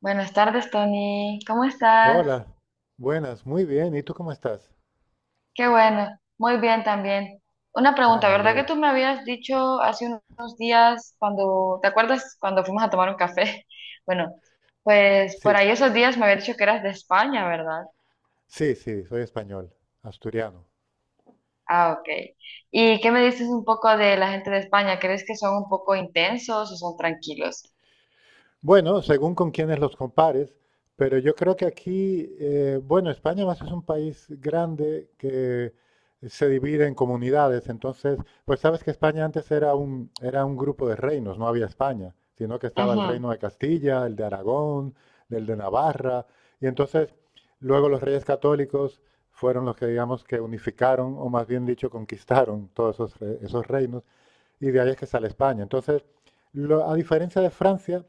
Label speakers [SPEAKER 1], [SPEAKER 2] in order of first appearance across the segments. [SPEAKER 1] Buenas tardes, Tony. ¿Cómo estás?
[SPEAKER 2] Hola, buenas, muy bien. ¿Y tú cómo estás?
[SPEAKER 1] Qué bueno. Muy bien también. Una
[SPEAKER 2] Ah,
[SPEAKER 1] pregunta,
[SPEAKER 2] me
[SPEAKER 1] ¿verdad que
[SPEAKER 2] alegro.
[SPEAKER 1] tú me habías dicho hace unos días cuando, ¿te acuerdas cuando fuimos a tomar un café? Bueno, pues por
[SPEAKER 2] Sí,
[SPEAKER 1] ahí esos días me habías dicho que eras de España, ¿verdad?
[SPEAKER 2] sí, sí, soy español, asturiano.
[SPEAKER 1] Ah, ok. ¿Y qué me dices un poco de la gente de España? ¿Crees que son un poco intensos o son tranquilos?
[SPEAKER 2] Bueno, según con quienes los compares, pero yo creo que aquí, bueno, España más es un país grande que se divide en comunidades, entonces, pues sabes que España antes era un grupo de reinos, no había España, sino que estaba el
[SPEAKER 1] Ujú.
[SPEAKER 2] reino de Castilla, el de Aragón, el de Navarra, y entonces luego los reyes católicos fueron los que digamos que unificaron, o más bien dicho, conquistaron todos esos reinos, y de ahí es que sale España. Entonces, a diferencia de Francia,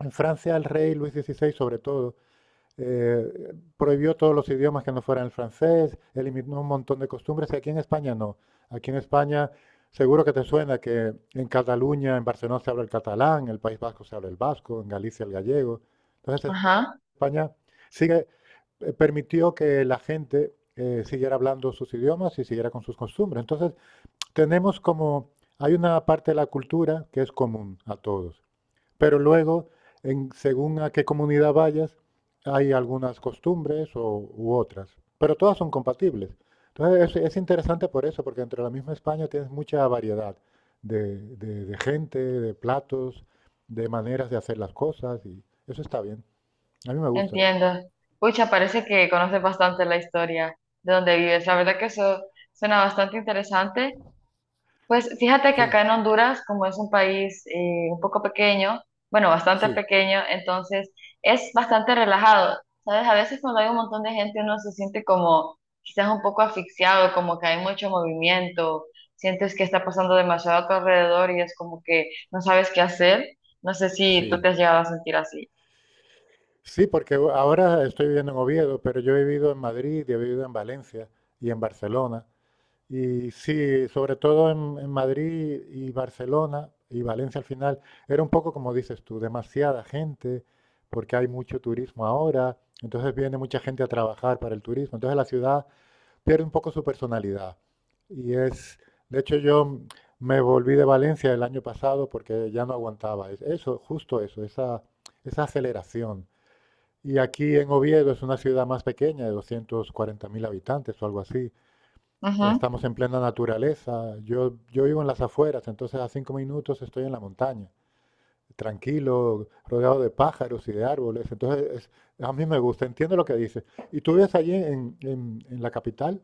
[SPEAKER 2] en Francia el rey Luis XVI, sobre todo, prohibió todos los idiomas que no fueran el francés, eliminó un montón de costumbres y aquí en España no. Aquí en España seguro que te suena que en Cataluña, en Barcelona se habla el catalán, en el País Vasco se habla el vasco, en Galicia el gallego. Entonces
[SPEAKER 1] Ajá,
[SPEAKER 2] España sigue, permitió que la gente siguiera hablando sus idiomas y siguiera con sus costumbres. Entonces tenemos como, hay una parte de la cultura que es común a todos. Pero luego, según a qué comunidad vayas, hay algunas costumbres u otras, pero todas son compatibles. Entonces, es interesante por eso, porque entre la misma España tienes mucha variedad de gente, de platos, de maneras de hacer las cosas, y eso está bien. A mí me gusta.
[SPEAKER 1] entiendo. Pucha, parece que conoces bastante la historia de donde vives. La verdad que eso suena bastante interesante. Pues fíjate que
[SPEAKER 2] Sí,
[SPEAKER 1] acá en Honduras, como es un país un poco pequeño, bueno, bastante
[SPEAKER 2] sí,
[SPEAKER 1] pequeño, entonces es bastante relajado. ¿Sabes? A veces cuando hay un montón de gente uno se siente como quizás un poco asfixiado, como que hay mucho movimiento, sientes que está pasando demasiado a tu alrededor y es como que no sabes qué hacer. No sé si tú
[SPEAKER 2] sí.
[SPEAKER 1] te has llegado a sentir así.
[SPEAKER 2] Sí, porque ahora estoy viviendo en Oviedo, pero yo he vivido en Madrid y he vivido en Valencia y en Barcelona. Y sí, sobre todo en, Madrid y Barcelona y Valencia al final, era un poco como dices tú, demasiada gente, porque hay mucho turismo ahora, entonces viene mucha gente a trabajar para el turismo, entonces la ciudad pierde un poco su personalidad. Y es, de hecho yo me volví de Valencia el año pasado porque ya no aguantaba eso, justo eso, esa aceleración. Y aquí en Oviedo es una ciudad más pequeña, de 240.000 habitantes o algo así. Estamos en plena naturaleza. Yo vivo en las afueras, entonces a 5 minutos estoy en la montaña, tranquilo, rodeado de pájaros y de árboles. Entonces, a mí me gusta, entiendo lo que dices. ¿Y tú vives allí en la capital?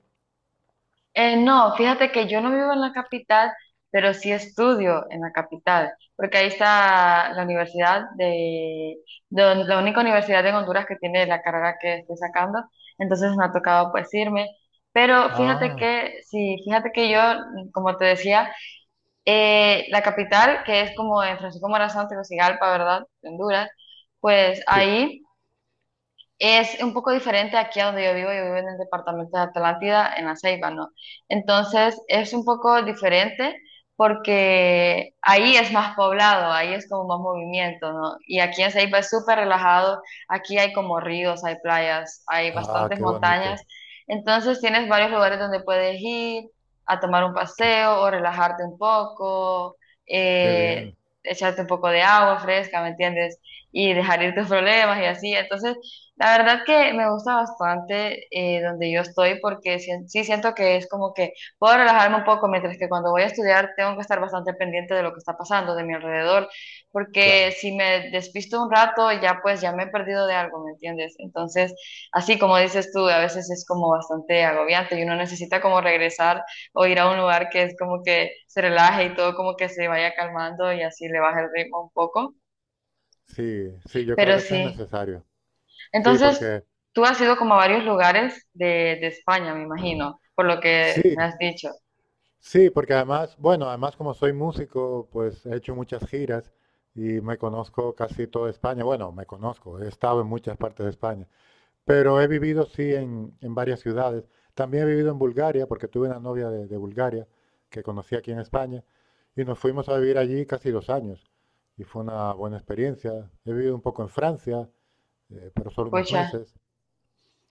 [SPEAKER 1] No, fíjate que yo no vivo en la capital, pero sí estudio en la capital, porque ahí está la universidad de, la única universidad en Honduras que tiene la carrera que estoy sacando, entonces me ha tocado pues irme. Pero fíjate
[SPEAKER 2] Ah,
[SPEAKER 1] que, sí, fíjate que yo, como te decía, la capital, que es como en Francisco Morazán, Tegucigalpa, ¿verdad? Honduras, pues
[SPEAKER 2] sí.
[SPEAKER 1] ahí. Es un poco diferente aquí a donde yo vivo en el departamento de Atlántida, en La Ceiba, ¿no? Entonces es un poco diferente porque ahí es más poblado, ahí es como más movimiento, ¿no? Y aquí en Ceiba es súper relajado, aquí hay como ríos, hay playas, hay
[SPEAKER 2] Ah,
[SPEAKER 1] bastantes
[SPEAKER 2] qué bonito.
[SPEAKER 1] montañas, entonces tienes varios lugares donde puedes ir a tomar un
[SPEAKER 2] Qué,
[SPEAKER 1] paseo o relajarte un poco,
[SPEAKER 2] qué
[SPEAKER 1] eh,
[SPEAKER 2] bien.
[SPEAKER 1] echarte un poco de agua fresca, ¿me entiendes? Y dejar ir tus problemas y así, entonces la verdad que me gusta bastante donde yo estoy porque sí, sí siento que es como que puedo relajarme un poco, mientras que cuando voy a estudiar tengo que estar bastante pendiente de lo que está pasando, de mi alrededor, porque
[SPEAKER 2] Claro.
[SPEAKER 1] si me despisto un rato ya pues ya me he perdido de algo, ¿me entiendes? Entonces, así como dices tú, a veces es como bastante agobiante y uno necesita como regresar o ir a un lugar que es como que se relaje y todo como que se vaya calmando y así le baja el ritmo un poco,
[SPEAKER 2] Sí, sí, yo creo
[SPEAKER 1] pero
[SPEAKER 2] que eso es
[SPEAKER 1] sí.
[SPEAKER 2] necesario. Sí,
[SPEAKER 1] Entonces,
[SPEAKER 2] porque
[SPEAKER 1] tú has ido como a varios lugares de España, me imagino, por lo que me
[SPEAKER 2] sí,
[SPEAKER 1] has dicho.
[SPEAKER 2] Sí, porque además, bueno, además como soy músico, pues he hecho muchas giras y me conozco casi toda España. Bueno, me conozco, he estado en muchas partes de España, pero he vivido sí en varias ciudades. También he vivido en Bulgaria, porque tuve una novia de Bulgaria que conocí aquí en España y nos fuimos a vivir allí casi 2 años y fue una buena experiencia. He vivido un poco en Francia, pero solo unos
[SPEAKER 1] Pucha,
[SPEAKER 2] meses.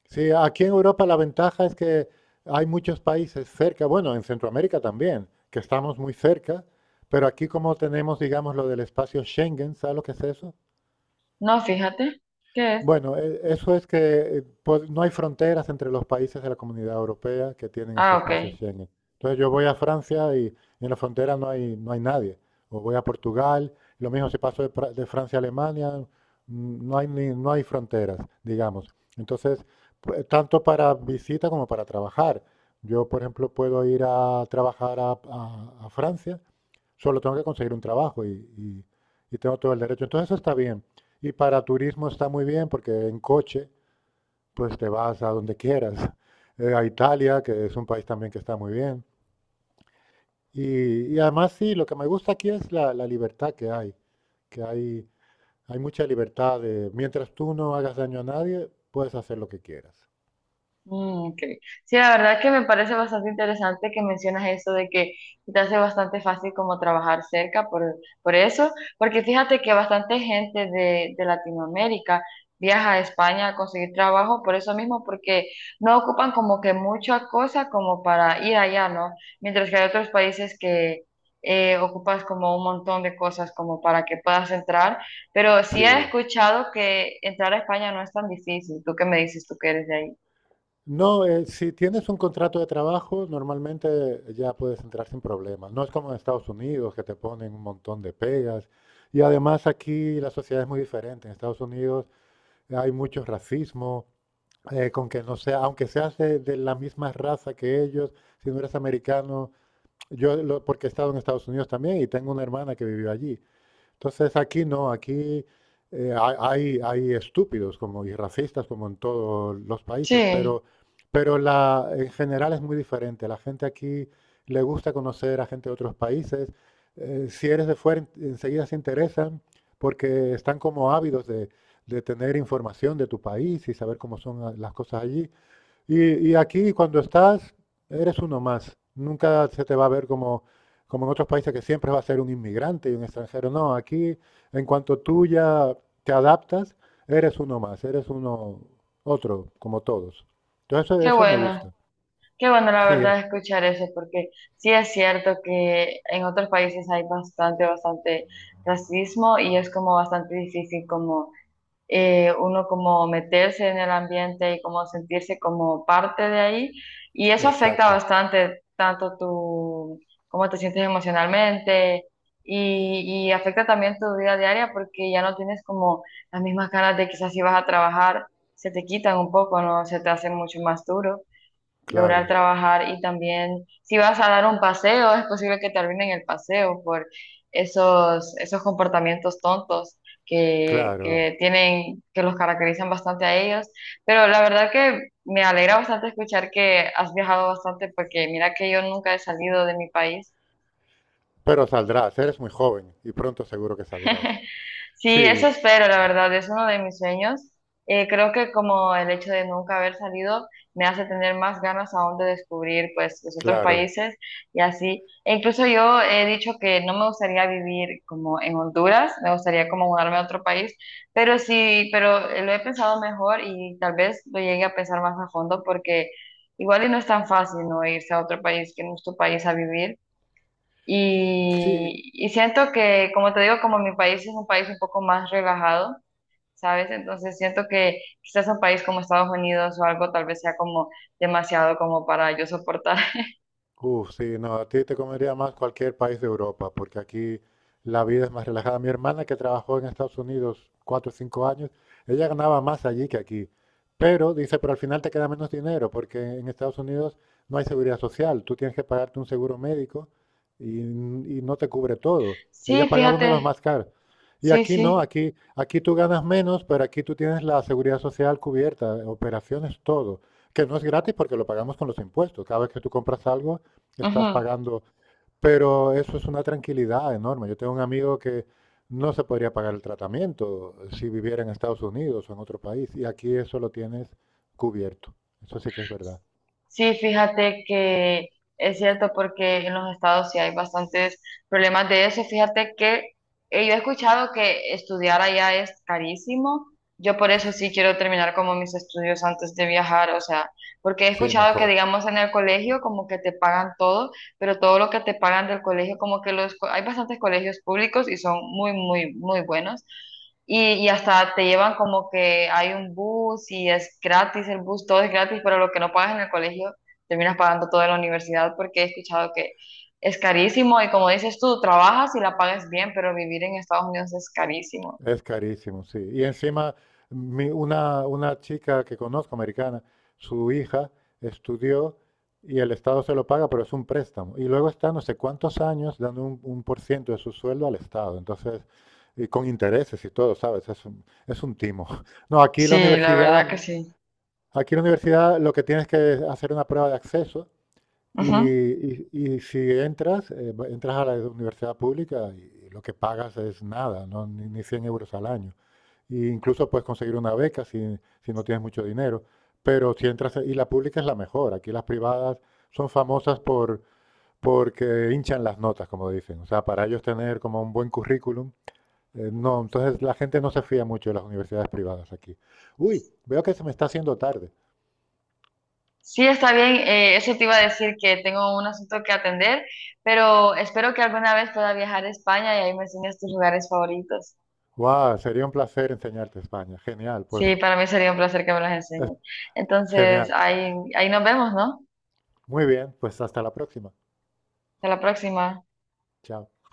[SPEAKER 2] Sí, aquí en Europa la ventaja es que hay muchos países cerca, bueno, en Centroamérica también, que estamos muy cerca, pero aquí como tenemos, digamos, lo del espacio Schengen, ¿sabes lo que es eso?
[SPEAKER 1] no, fíjate, ¿qué es?
[SPEAKER 2] Bueno, eso es que pues, no hay fronteras entre los países de la Comunidad Europea que tienen ese
[SPEAKER 1] Ah, ok.
[SPEAKER 2] espacio Schengen. Entonces yo voy a Francia y en la frontera no hay nadie. O voy a Portugal, lo mismo si paso de Francia a Alemania, no hay fronteras, digamos. Entonces, tanto para visita como para trabajar. Yo, por ejemplo, puedo ir a trabajar a Francia. Solo tengo que conseguir un trabajo y- y tengo todo el derecho. Entonces eso está bien. Y para turismo está muy bien porque en coche pues te vas a donde quieras. A Italia, que es un país también que está muy bien. Y además sí, lo que me gusta aquí es la libertad que hay. Que hay mucha libertad de, mientras tú no hagas daño a nadie, puedes hacer lo que quieras.
[SPEAKER 1] Mm, ok. Sí, la verdad que me parece bastante interesante que mencionas eso de que se te hace bastante fácil como trabajar cerca por eso, porque fíjate que bastante gente de Latinoamérica viaja a España a conseguir trabajo por eso mismo, porque no ocupan como que mucha cosa como para ir allá, ¿no? Mientras que hay otros países que ocupas como un montón de cosas como para que puedas entrar, pero sí he
[SPEAKER 2] Sí,
[SPEAKER 1] escuchado que entrar a España no es tan difícil. ¿Tú qué me dices? ¿Tú que eres de ahí?
[SPEAKER 2] no, si tienes un contrato de trabajo, normalmente ya puedes entrar sin problemas. No es como en Estados Unidos, que te ponen un montón de pegas. Y además aquí la sociedad es muy diferente. En Estados Unidos hay mucho racismo, con que no sea, aunque seas de la misma raza que ellos, si no eres americano, porque he estado en Estados Unidos también y tengo una hermana que vivió allí. Entonces aquí no, aquí hay estúpidos como y racistas como en todos los países,
[SPEAKER 1] Sí,
[SPEAKER 2] pero, en general es muy diferente. La gente aquí le gusta conocer a gente de otros países. Si eres de fuera, enseguida se interesan porque están como ávidos de tener información de tu país y saber cómo son las cosas allí. Y aquí cuando estás, eres uno más. Nunca se te va a ver como en otros países que siempre va a ser un inmigrante y un extranjero. No, aquí en cuanto tú ya te adaptas, eres uno más, eres uno otro, como todos. Entonces eso,
[SPEAKER 1] qué
[SPEAKER 2] eso me
[SPEAKER 1] bueno,
[SPEAKER 2] gusta.
[SPEAKER 1] qué bueno la
[SPEAKER 2] Sí,
[SPEAKER 1] verdad escuchar eso, porque sí es cierto que en otros países hay bastante, bastante racismo y es como bastante difícil como uno como meterse en el ambiente y como sentirse como parte de ahí. Y eso afecta
[SPEAKER 2] exacto.
[SPEAKER 1] bastante tanto tu, cómo te sientes emocionalmente y afecta también tu vida diaria porque ya no tienes como las mismas ganas de quizás si vas a trabajar, se te quitan un poco, ¿no? Se te hace mucho más duro lograr
[SPEAKER 2] Claro,
[SPEAKER 1] trabajar y también si vas a dar un paseo, es posible que terminen el paseo por esos, esos comportamientos tontos
[SPEAKER 2] claro.
[SPEAKER 1] que tienen, que los caracterizan bastante a ellos. Pero la verdad que me alegra bastante escuchar que has viajado bastante porque mira que yo nunca he salido de mi país.
[SPEAKER 2] Pero saldrás, eres muy joven y pronto seguro que saldrás.
[SPEAKER 1] Sí, eso
[SPEAKER 2] Sí,
[SPEAKER 1] espero, la verdad, es uno de mis sueños. Creo que como el hecho de nunca haber salido me hace tener más ganas aún de descubrir pues los otros
[SPEAKER 2] claro.
[SPEAKER 1] países y así. E incluso yo he dicho que no me gustaría vivir como en Honduras, me gustaría como mudarme a otro país, pero sí, pero lo he pensado mejor y tal vez lo llegue a pensar más a fondo porque igual y no es tan fácil no irse a otro país que no es tu país a vivir.
[SPEAKER 2] Sí,
[SPEAKER 1] Y siento que, como te digo, como mi país es un país un poco más relajado, ¿sabes? Entonces siento que quizás un país como Estados Unidos o algo tal vez sea como demasiado como para yo soportar.
[SPEAKER 2] uf, sí, no, a ti te convendría más cualquier país de Europa, porque aquí la vida es más relajada. Mi hermana que trabajó en Estados Unidos 4 o 5 años, ella ganaba más allí que aquí. Pero dice, pero al final te queda menos dinero, porque en Estados Unidos no hay seguridad social. Tú tienes que pagarte un seguro médico y no te cubre todo. Ella
[SPEAKER 1] Sí,
[SPEAKER 2] pagaba uno de los
[SPEAKER 1] fíjate,
[SPEAKER 2] más caros. Y
[SPEAKER 1] sí,
[SPEAKER 2] aquí no,
[SPEAKER 1] sí.
[SPEAKER 2] aquí tú ganas menos, pero aquí tú tienes la seguridad social cubierta, operaciones, todo. Que no es gratis porque lo pagamos con los impuestos. Cada vez que tú compras algo, estás
[SPEAKER 1] Ujú.
[SPEAKER 2] pagando, pero eso es una tranquilidad enorme. Yo tengo un amigo que no se podría pagar el tratamiento si viviera en Estados Unidos o en otro país, y aquí eso lo tienes cubierto. Eso sí que es verdad.
[SPEAKER 1] Sí, fíjate que es cierto porque en los estados sí hay bastantes problemas de eso. Fíjate que yo he escuchado que estudiar allá es carísimo. Yo por eso sí quiero terminar como mis estudios antes de viajar, o sea, porque he
[SPEAKER 2] Sí,
[SPEAKER 1] escuchado que
[SPEAKER 2] mejor.
[SPEAKER 1] digamos en el colegio como que te pagan todo, pero todo lo que te pagan del colegio como que hay bastantes colegios públicos y son muy, muy, muy buenos. Y hasta te llevan como que hay un bus y es gratis el bus, todo es gratis, pero lo que no pagas en el colegio terminas pagando todo en la universidad porque he escuchado que es carísimo y como dices tú, trabajas y la pagas bien, pero vivir en Estados Unidos es carísimo.
[SPEAKER 2] Es carísimo, sí. Y encima, una chica que conozco, americana, su hija estudió y el Estado se lo paga, pero es un préstamo. Y luego está no sé cuántos años dando un por ciento de su sueldo al Estado. Entonces, y con intereses y todo, ¿sabes? Es un timo. No,
[SPEAKER 1] Sí, la verdad que sí. Sí.
[SPEAKER 2] aquí la universidad lo que tienes que hacer una prueba de acceso y,
[SPEAKER 1] Ujú.
[SPEAKER 2] y- y si entras, entras a la universidad pública y lo que pagas es nada, ¿no? Ni 100 euros al año. E incluso puedes conseguir una beca si no tienes mucho dinero. Pero si entras, y la pública es la mejor. Aquí las privadas son famosas porque hinchan las notas, como dicen. O sea, para ellos tener como un buen currículum. No, entonces la gente no se fía mucho de las universidades privadas aquí. Uy, veo que se me está haciendo tarde.
[SPEAKER 1] Sí, está bien, eso te iba a decir que tengo un asunto que atender, pero espero que alguna vez pueda viajar a España y ahí me enseñes tus lugares favoritos.
[SPEAKER 2] Guau, sería un placer enseñarte España. Genial, pues.
[SPEAKER 1] Sí, para mí sería un placer que me las enseñes. Entonces,
[SPEAKER 2] Genial.
[SPEAKER 1] ahí, ahí nos vemos, ¿no?
[SPEAKER 2] Muy bien, pues hasta la próxima.
[SPEAKER 1] Hasta la próxima.
[SPEAKER 2] Chao.